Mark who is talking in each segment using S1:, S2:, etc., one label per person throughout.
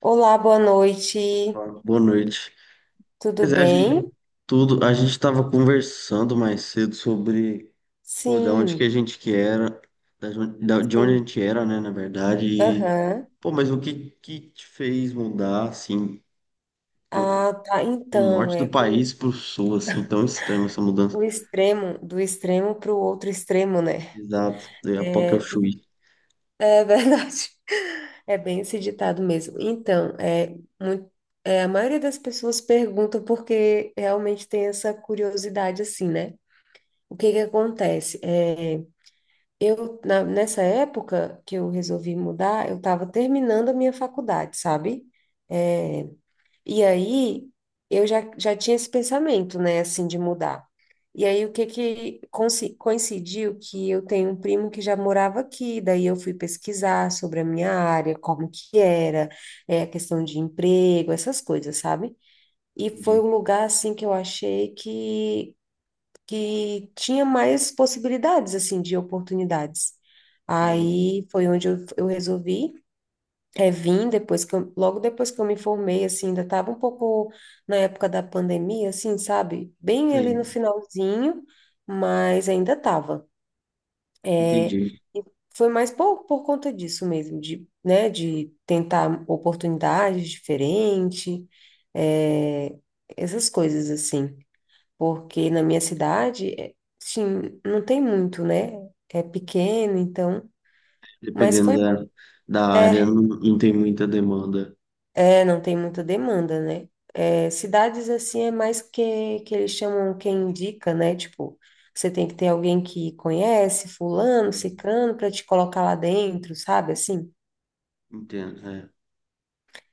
S1: Olá, boa noite.
S2: Boa noite.
S1: Tudo
S2: Pois é, a gente,
S1: bem?
S2: tudo, a gente estava conversando mais cedo sobre da onde que a
S1: Sim,
S2: gente que era, da jon- da- de onde a
S1: sim.
S2: gente era, né, na verdade, e,
S1: Aham.
S2: pô, mas o que que te fez mudar, assim, do,
S1: Ah, tá.
S2: do
S1: Então,
S2: norte do
S1: é
S2: país
S1: como
S2: pro sul, assim, tão extrema essa mudança?
S1: o extremo, do extremo para o outro extremo, né?
S2: Exato, daí a pouco eu
S1: É,
S2: fui.
S1: é verdade. É bem esse ditado mesmo. Então, muito, a maioria das pessoas perguntam porque realmente tem essa curiosidade assim, né? O que que acontece? Nessa época que eu resolvi mudar, eu estava terminando a minha faculdade, sabe? É, E aí, eu já tinha esse pensamento, né, assim, de mudar. E aí, o que que coincidiu que eu tenho um primo que já morava aqui, daí eu fui pesquisar sobre a minha área, como que era, a questão de emprego, essas coisas, sabe? E foi
S2: Entendi.
S1: um lugar, assim, que eu achei que tinha mais possibilidades, assim, de oportunidades.
S2: Caramba,
S1: Aí foi onde eu resolvi. É, vim depois que logo depois que eu me formei, assim, ainda estava um pouco na época da pandemia, assim, sabe? Bem ali
S2: sei,
S1: no finalzinho, mas ainda estava. É,
S2: entendi.
S1: foi mais por conta disso mesmo, de, né, de tentar oportunidades diferentes, é, essas coisas, assim. Porque na minha cidade, é, sim, não tem muito, né? É pequeno, então, mas foi
S2: Dependendo da,
S1: bom.
S2: da área, não,
S1: É,
S2: não tem muita demanda.
S1: É, não tem muita demanda, né? É, cidades assim é mais que eles chamam quem indica, né? Tipo, você tem que ter alguém que conhece, fulano, ciclano, para te colocar lá dentro, sabe? Assim.
S2: Entendo, é.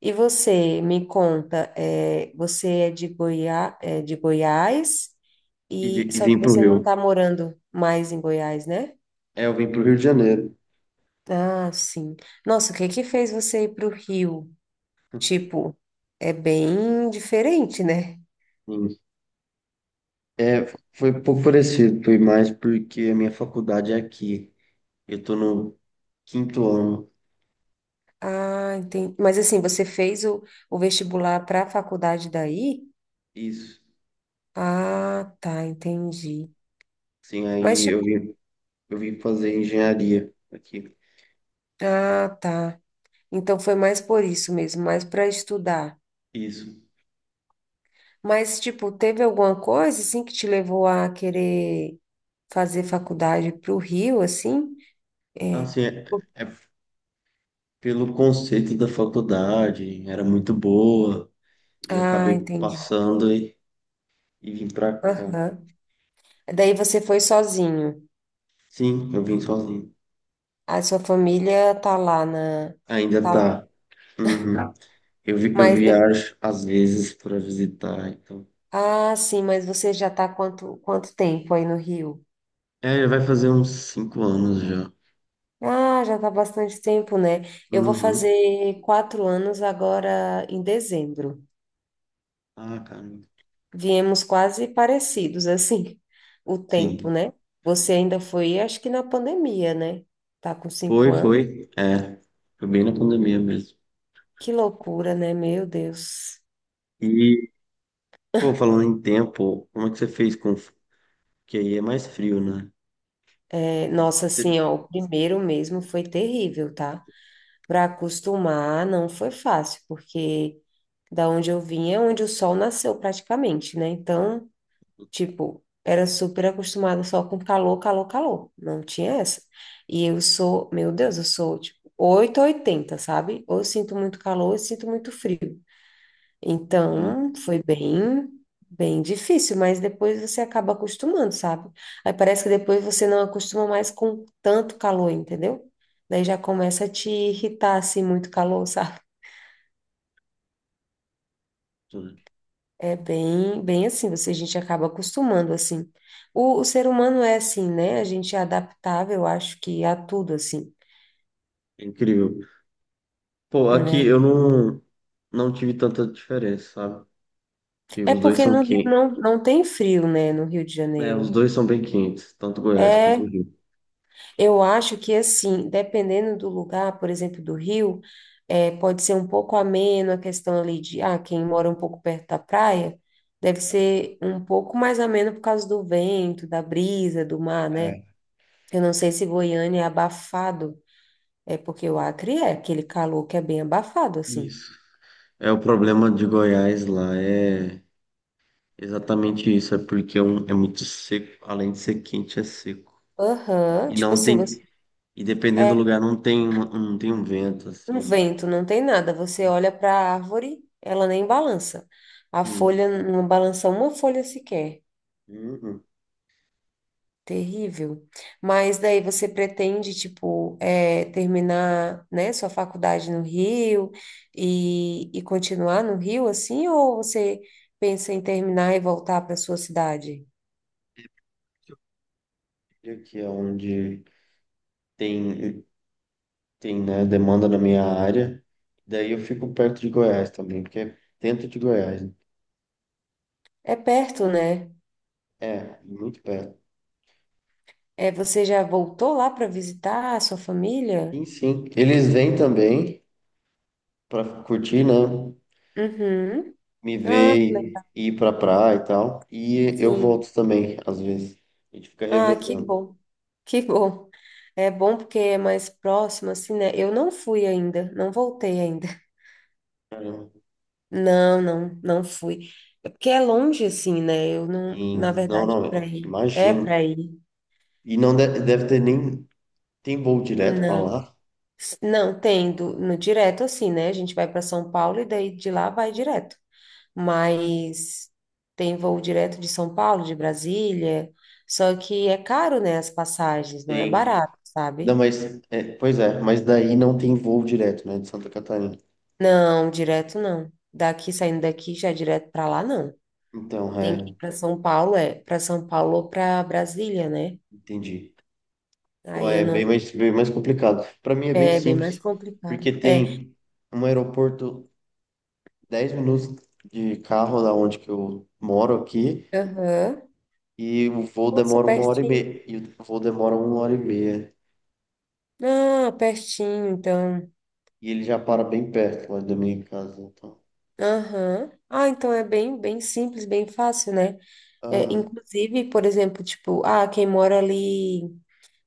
S1: E você, me conta, é, você é de Goiás, e
S2: E
S1: só que
S2: vim pro
S1: você não
S2: Rio.
S1: está morando mais em Goiás, né?
S2: É, eu vim para o Rio de Janeiro.
S1: Ah, sim. Nossa, o que que fez você ir para o Rio? Tipo, é bem diferente, né?
S2: Sim. É, foi um pouco parecido, foi mais porque a minha faculdade é aqui. Eu estou no 5º ano.
S1: Ah, entendi. Mas assim, você fez o vestibular para a faculdade daí?
S2: Isso.
S1: Ah, tá, entendi.
S2: Sim,
S1: Mas
S2: aí eu
S1: tipo,
S2: vim, eu vim fazer engenharia aqui.
S1: ah, tá. Então foi mais por isso mesmo, mais para estudar.
S2: Isso.
S1: Mas tipo, teve alguma coisa assim que te levou a querer fazer faculdade para o Rio, assim? É.
S2: Assim, é pelo conceito da faculdade, era muito boa e eu
S1: Ah,
S2: acabei
S1: entendi.
S2: passando e vim para cá.
S1: Aham. Daí você foi sozinho.
S2: Sim, eu vim sozinho.
S1: A sua família tá lá na,
S2: Ainda
S1: tá lá.
S2: tá. Uhum. Eu
S1: Mas de-
S2: viajo às vezes para visitar, então.
S1: Ah, sim, mas você já está quanto tempo aí no Rio?
S2: É, vai fazer uns 5 anos já.
S1: Ah, já está bastante tempo, né? Eu vou
S2: Uhum.
S1: fazer 4 anos agora em dezembro.
S2: Ah, caramba.
S1: Viemos quase parecidos, assim, o tempo,
S2: Sim.
S1: né? Você ainda foi, acho que na pandemia, né? Tá com cinco
S2: Foi,
S1: anos?
S2: foi. É. Foi bem na pandemia mesmo.
S1: Que loucura, né? Meu Deus.
S2: E, pô, falando em tempo, como é que você fez com. Que aí é mais frio, né?
S1: É, nossa, assim,
S2: Você-
S1: ó, o primeiro mesmo foi terrível, tá? Para acostumar não foi fácil, porque da onde eu vim é onde o sol nasceu praticamente, né? Então, tipo, era super acostumada só com calor, calor, calor. Não tinha essa. E eu sou, meu Deus, eu sou tipo 8 ou 80, sabe? Ou eu sinto muito calor, ou eu sinto muito frio.
S2: Sim,
S1: Então, foi bem, bem difícil, mas depois você acaba acostumando, sabe? Aí parece que depois você não acostuma mais com tanto calor, entendeu? Daí já começa a te irritar, assim, muito calor, sabe?
S2: tudo.
S1: É bem, bem assim, você, a gente acaba acostumando, assim. O ser humano é assim, né? A gente é adaptável, eu acho que a tudo, assim,
S2: É incrível. Pô, aqui
S1: né?
S2: eu não, não tive tanta diferença, sabe? Porque
S1: É
S2: os dois
S1: porque
S2: são
S1: no Rio
S2: quentes.
S1: não tem frio, né? No Rio de
S2: É, os
S1: Janeiro.
S2: dois são bem quentes, tanto Goiás quanto o
S1: É,
S2: Rio.
S1: eu acho que assim, dependendo do lugar, por exemplo, do Rio, pode ser um pouco ameno a questão ali de, ah, quem mora um pouco perto da praia, deve ser um pouco mais ameno por causa do vento, da brisa, do mar, né?
S2: É.
S1: Eu não sei se Goiânia é abafado, é porque o Acre é aquele calor que é bem abafado, assim.
S2: Isso. É o problema de Goiás lá, é. Exatamente isso, é porque é muito seco, além de ser quente, é seco.
S1: Aham,
S2: E
S1: tipo
S2: não
S1: assim, você
S2: tem, e dependendo do
S1: é
S2: lugar, não tem um vento,
S1: um
S2: assim.
S1: vento, não tem nada, você olha para a árvore, ela nem balança. A
S2: Sim.
S1: folha não balança uma folha sequer.
S2: Uhum.
S1: Terrível. Mas daí você pretende, tipo, é terminar, né, sua faculdade no Rio e continuar no Rio, assim, ou você pensa em terminar e voltar para sua cidade?
S2: E aqui é onde tem, tem, né, demanda na minha área. Daí eu fico perto de Goiás também, porque é dentro de Goiás, né?
S1: É perto, né?
S2: É, muito perto.
S1: É, você já voltou lá para visitar a sua família?
S2: Sim, sim. Eles vêm também para curtir, né?
S1: Uhum.
S2: Me
S1: Ah, que
S2: ver
S1: legal.
S2: e ir pra praia e tal. E eu
S1: Sim.
S2: volto também, às vezes. A gente fica
S1: Ah, que
S2: revezando.
S1: bom. Que bom. É bom porque é mais próximo, assim, né? Eu não fui ainda, não voltei ainda. Não, não, não fui. É porque é longe assim, né? Eu não, na
S2: Em- Não,
S1: verdade, para
S2: não,
S1: ir. É
S2: imagino.
S1: para ir.
S2: E não de- deve ter nem. Tem voo direto para
S1: Não.
S2: lá?
S1: Não, tem no direto assim, né? A gente vai para São Paulo e daí de lá vai direto. Mas tem voo direto de São Paulo, de Brasília. Só que é caro, né? As passagens, não é
S2: Tem.
S1: barato,
S2: Não,
S1: sabe?
S2: mas. É, pois é, mas daí não tem voo direto, né, de Santa Catarina.
S1: Não, direto não. Daqui, saindo daqui, já direto para lá, não.
S2: Então,
S1: Tem que
S2: é,
S1: ir para São Paulo, é, para São Paulo ou para Brasília, né?
S2: entendi. Pô,
S1: Aí eu
S2: é
S1: não
S2: bem mais complicado. Para mim é bem
S1: É bem mais
S2: simples,
S1: complicado.
S2: porque
S1: É.
S2: tem um aeroporto 10 minutos de carro da onde que eu moro aqui,
S1: Aham.
S2: e o voo
S1: Nossa,
S2: demora uma hora e
S1: pertinho.
S2: meia. E o voo demora uma hora e meia.
S1: Ah, pertinho, então.
S2: E ele já para bem perto lá da minha casa, então.
S1: Aham. Ah, então é bem, bem simples, bem fácil, né? É,
S2: Aham.
S1: inclusive, por exemplo, tipo, ah, quem mora ali,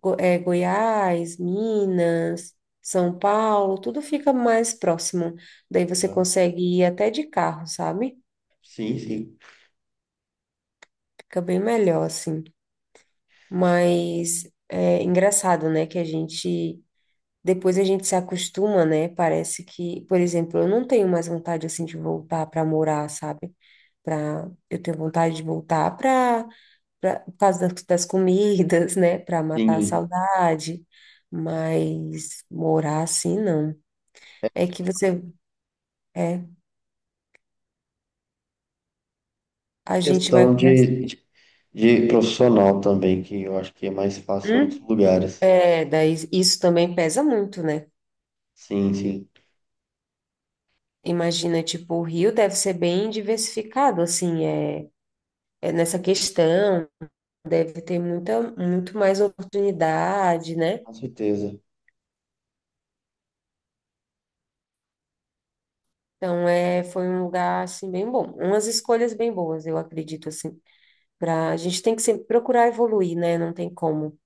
S1: Goiás, Minas, São Paulo, tudo fica mais próximo. Daí você consegue ir até de carro, sabe?
S2: Sim, sim.
S1: Fica bem melhor, assim. Mas é engraçado, né? Que a gente Depois a gente se acostuma, né? Parece que, por exemplo, eu não tenho mais vontade assim de voltar para morar, sabe? Pra, eu tenho vontade de voltar para por causa das comidas, né? Para matar a
S2: Sim.
S1: saudade, mas morar assim não. É que você é, a gente vai
S2: Questão
S1: conhecer.
S2: de profissional também, que eu acho que é mais fácil em outros
S1: Hum?
S2: lugares.
S1: É, daí isso também pesa muito, né?
S2: Sim, sim.
S1: Imagina, tipo, o Rio deve ser bem diversificado, assim, é, é nessa questão. Deve ter muita, muito mais oportunidade, né?
S2: Com certeza.
S1: Então, foi um lugar, assim, bem bom. Umas escolhas bem boas, eu acredito, assim. Pra, a gente tem que sempre procurar evoluir, né? Não tem como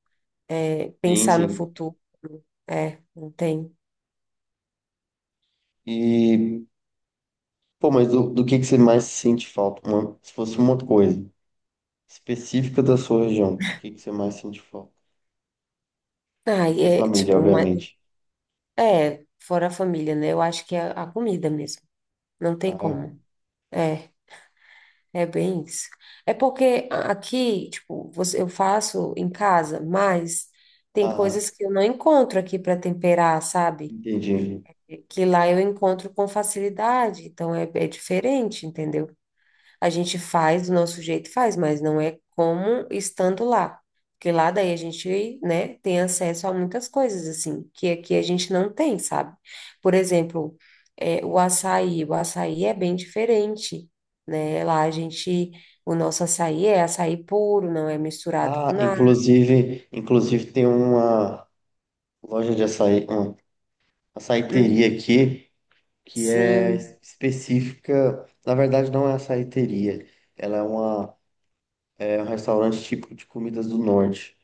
S2: Sim,
S1: pensar no
S2: sim.
S1: futuro. É, não tem.
S2: E, pô, mas do que você mais sente falta? Uma- se fosse uma coisa específica da sua região, de que você mais sente falta? Sem
S1: Ai,
S2: ser
S1: é,
S2: família,
S1: tipo, mas,
S2: obviamente.
S1: fora a família, né? Eu acho que é a comida mesmo. Não tem
S2: Ah, é?
S1: como. É, é bem isso. É porque aqui, tipo, você, eu faço em casa, mas tem
S2: Ah,
S1: coisas que eu não encontro aqui para temperar, sabe?
S2: entendi.
S1: Que lá eu encontro com facilidade, então é, é diferente, entendeu? A gente faz do nosso jeito, faz, mas não é como estando lá, porque lá daí a gente, né, tem acesso a muitas coisas, assim, que aqui a gente não tem, sabe? Por exemplo, o açaí é bem diferente, né? Lá a gente, o nosso açaí é açaí puro, não é misturado com
S2: Ah,
S1: nada.
S2: inclusive tem uma loja de açaí, uma
S1: Hum,
S2: açaiteria aqui, que é
S1: sim.
S2: específica, na verdade não é açaiteria, ela é uma é um restaurante típico de comidas do norte,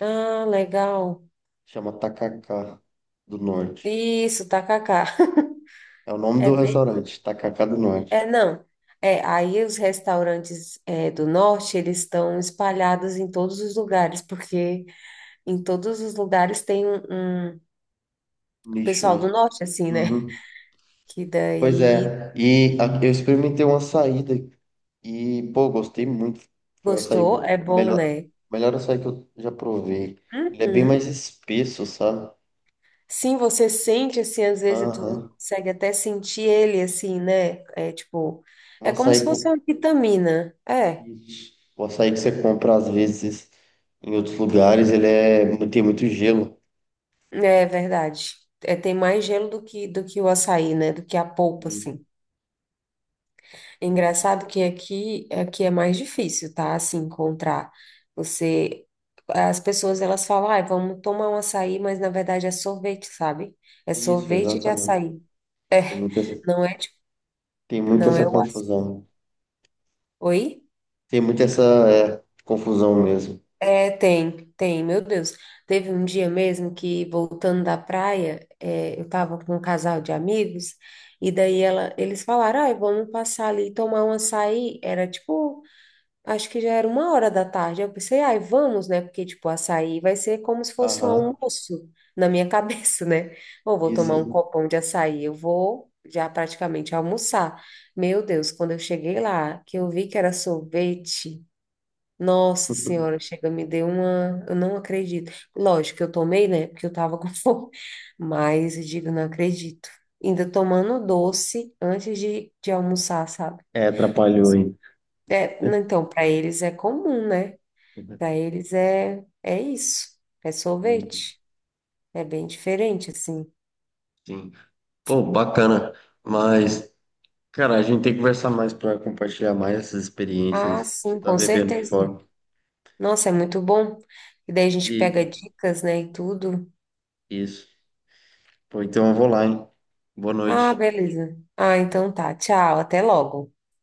S1: Ah, legal.
S2: chama Tacacá do Norte.
S1: Isso, tacacá.
S2: É o nome
S1: É
S2: do restaurante, Tacacá do Norte.
S1: É, não. É, aí os restaurantes do norte, eles estão espalhados em todos os lugares, porque em todos os lugares tem um,
S2: Lixo,
S1: pessoal do
S2: né?
S1: norte, assim, né?
S2: Uhum.
S1: Que
S2: Pois
S1: daí
S2: é, eu experimentei uma saída e, pô, gostei muito. Foi o
S1: gostou,
S2: açaí,
S1: é bom, né?
S2: melhor açaí que eu já provei. Ele é bem mais
S1: Uhum.
S2: espesso, sabe?
S1: Sim, você sente, assim, às vezes tu
S2: Aham.
S1: consegue até sentir ele, assim, né? É tipo,
S2: O
S1: é como
S2: açaí.
S1: se fosse uma vitamina. É,
S2: Ixi. O açaí que você compra às vezes em outros lugares, tem muito gelo.
S1: é verdade. É, tem mais gelo do que o açaí, né? Do que a polpa,
S2: Hum,
S1: assim.
S2: sim, sim.
S1: Engraçado que aqui, aqui é mais difícil, tá? Assim, encontrar. Você, as pessoas, elas falam, ah, vamos tomar um açaí, mas na verdade é sorvete, sabe? É
S2: Isso,
S1: sorvete de
S2: exatamente.
S1: açaí.
S2: Tem
S1: É,
S2: muita essa,
S1: Não é, tipo-
S2: tem muito
S1: não
S2: essa
S1: é o açaí.
S2: confusão.
S1: Oi?
S2: Tem muito essa, é, confusão mesmo.
S1: É, tem, meu Deus. Teve um dia mesmo que, voltando da praia, eu tava com um casal de amigos, e daí ela, eles falaram, ah, vamos passar ali e tomar um açaí. Era tipo Acho que já era 1 hora da tarde. Eu pensei, ai, vamos, né? Porque, tipo, açaí vai ser como se fosse um
S2: Aham,
S1: almoço na minha cabeça, né? Ou vou tomar
S2: isso.
S1: um copão de açaí, eu vou já praticamente almoçar. Meu Deus, quando eu cheguei lá, que eu vi que era sorvete, nossa senhora, chega, me deu uma. Eu não acredito. Lógico que eu tomei, né? Porque eu tava com fome. Mas eu digo, não acredito. Ainda tomando doce antes de almoçar, sabe?
S2: É, atrapalhou aí.
S1: É, não, então, para eles é comum, né? Para eles é, é isso, é
S2: Entendi.
S1: sorvete. É bem diferente, assim.
S2: Sim. Pô, bacana. Mas, cara, a gente tem que conversar mais para compartilhar mais essas experiências
S1: Ah,
S2: de
S1: sim,
S2: estar
S1: com
S2: vivendo
S1: certeza.
S2: fora.
S1: Nossa, é muito bom. E daí a gente pega
S2: E
S1: dicas, né, e tudo.
S2: isso. Pô, então eu vou lá, hein? Boa
S1: Ah,
S2: noite.
S1: beleza. Ah, então tá. Tchau, até logo.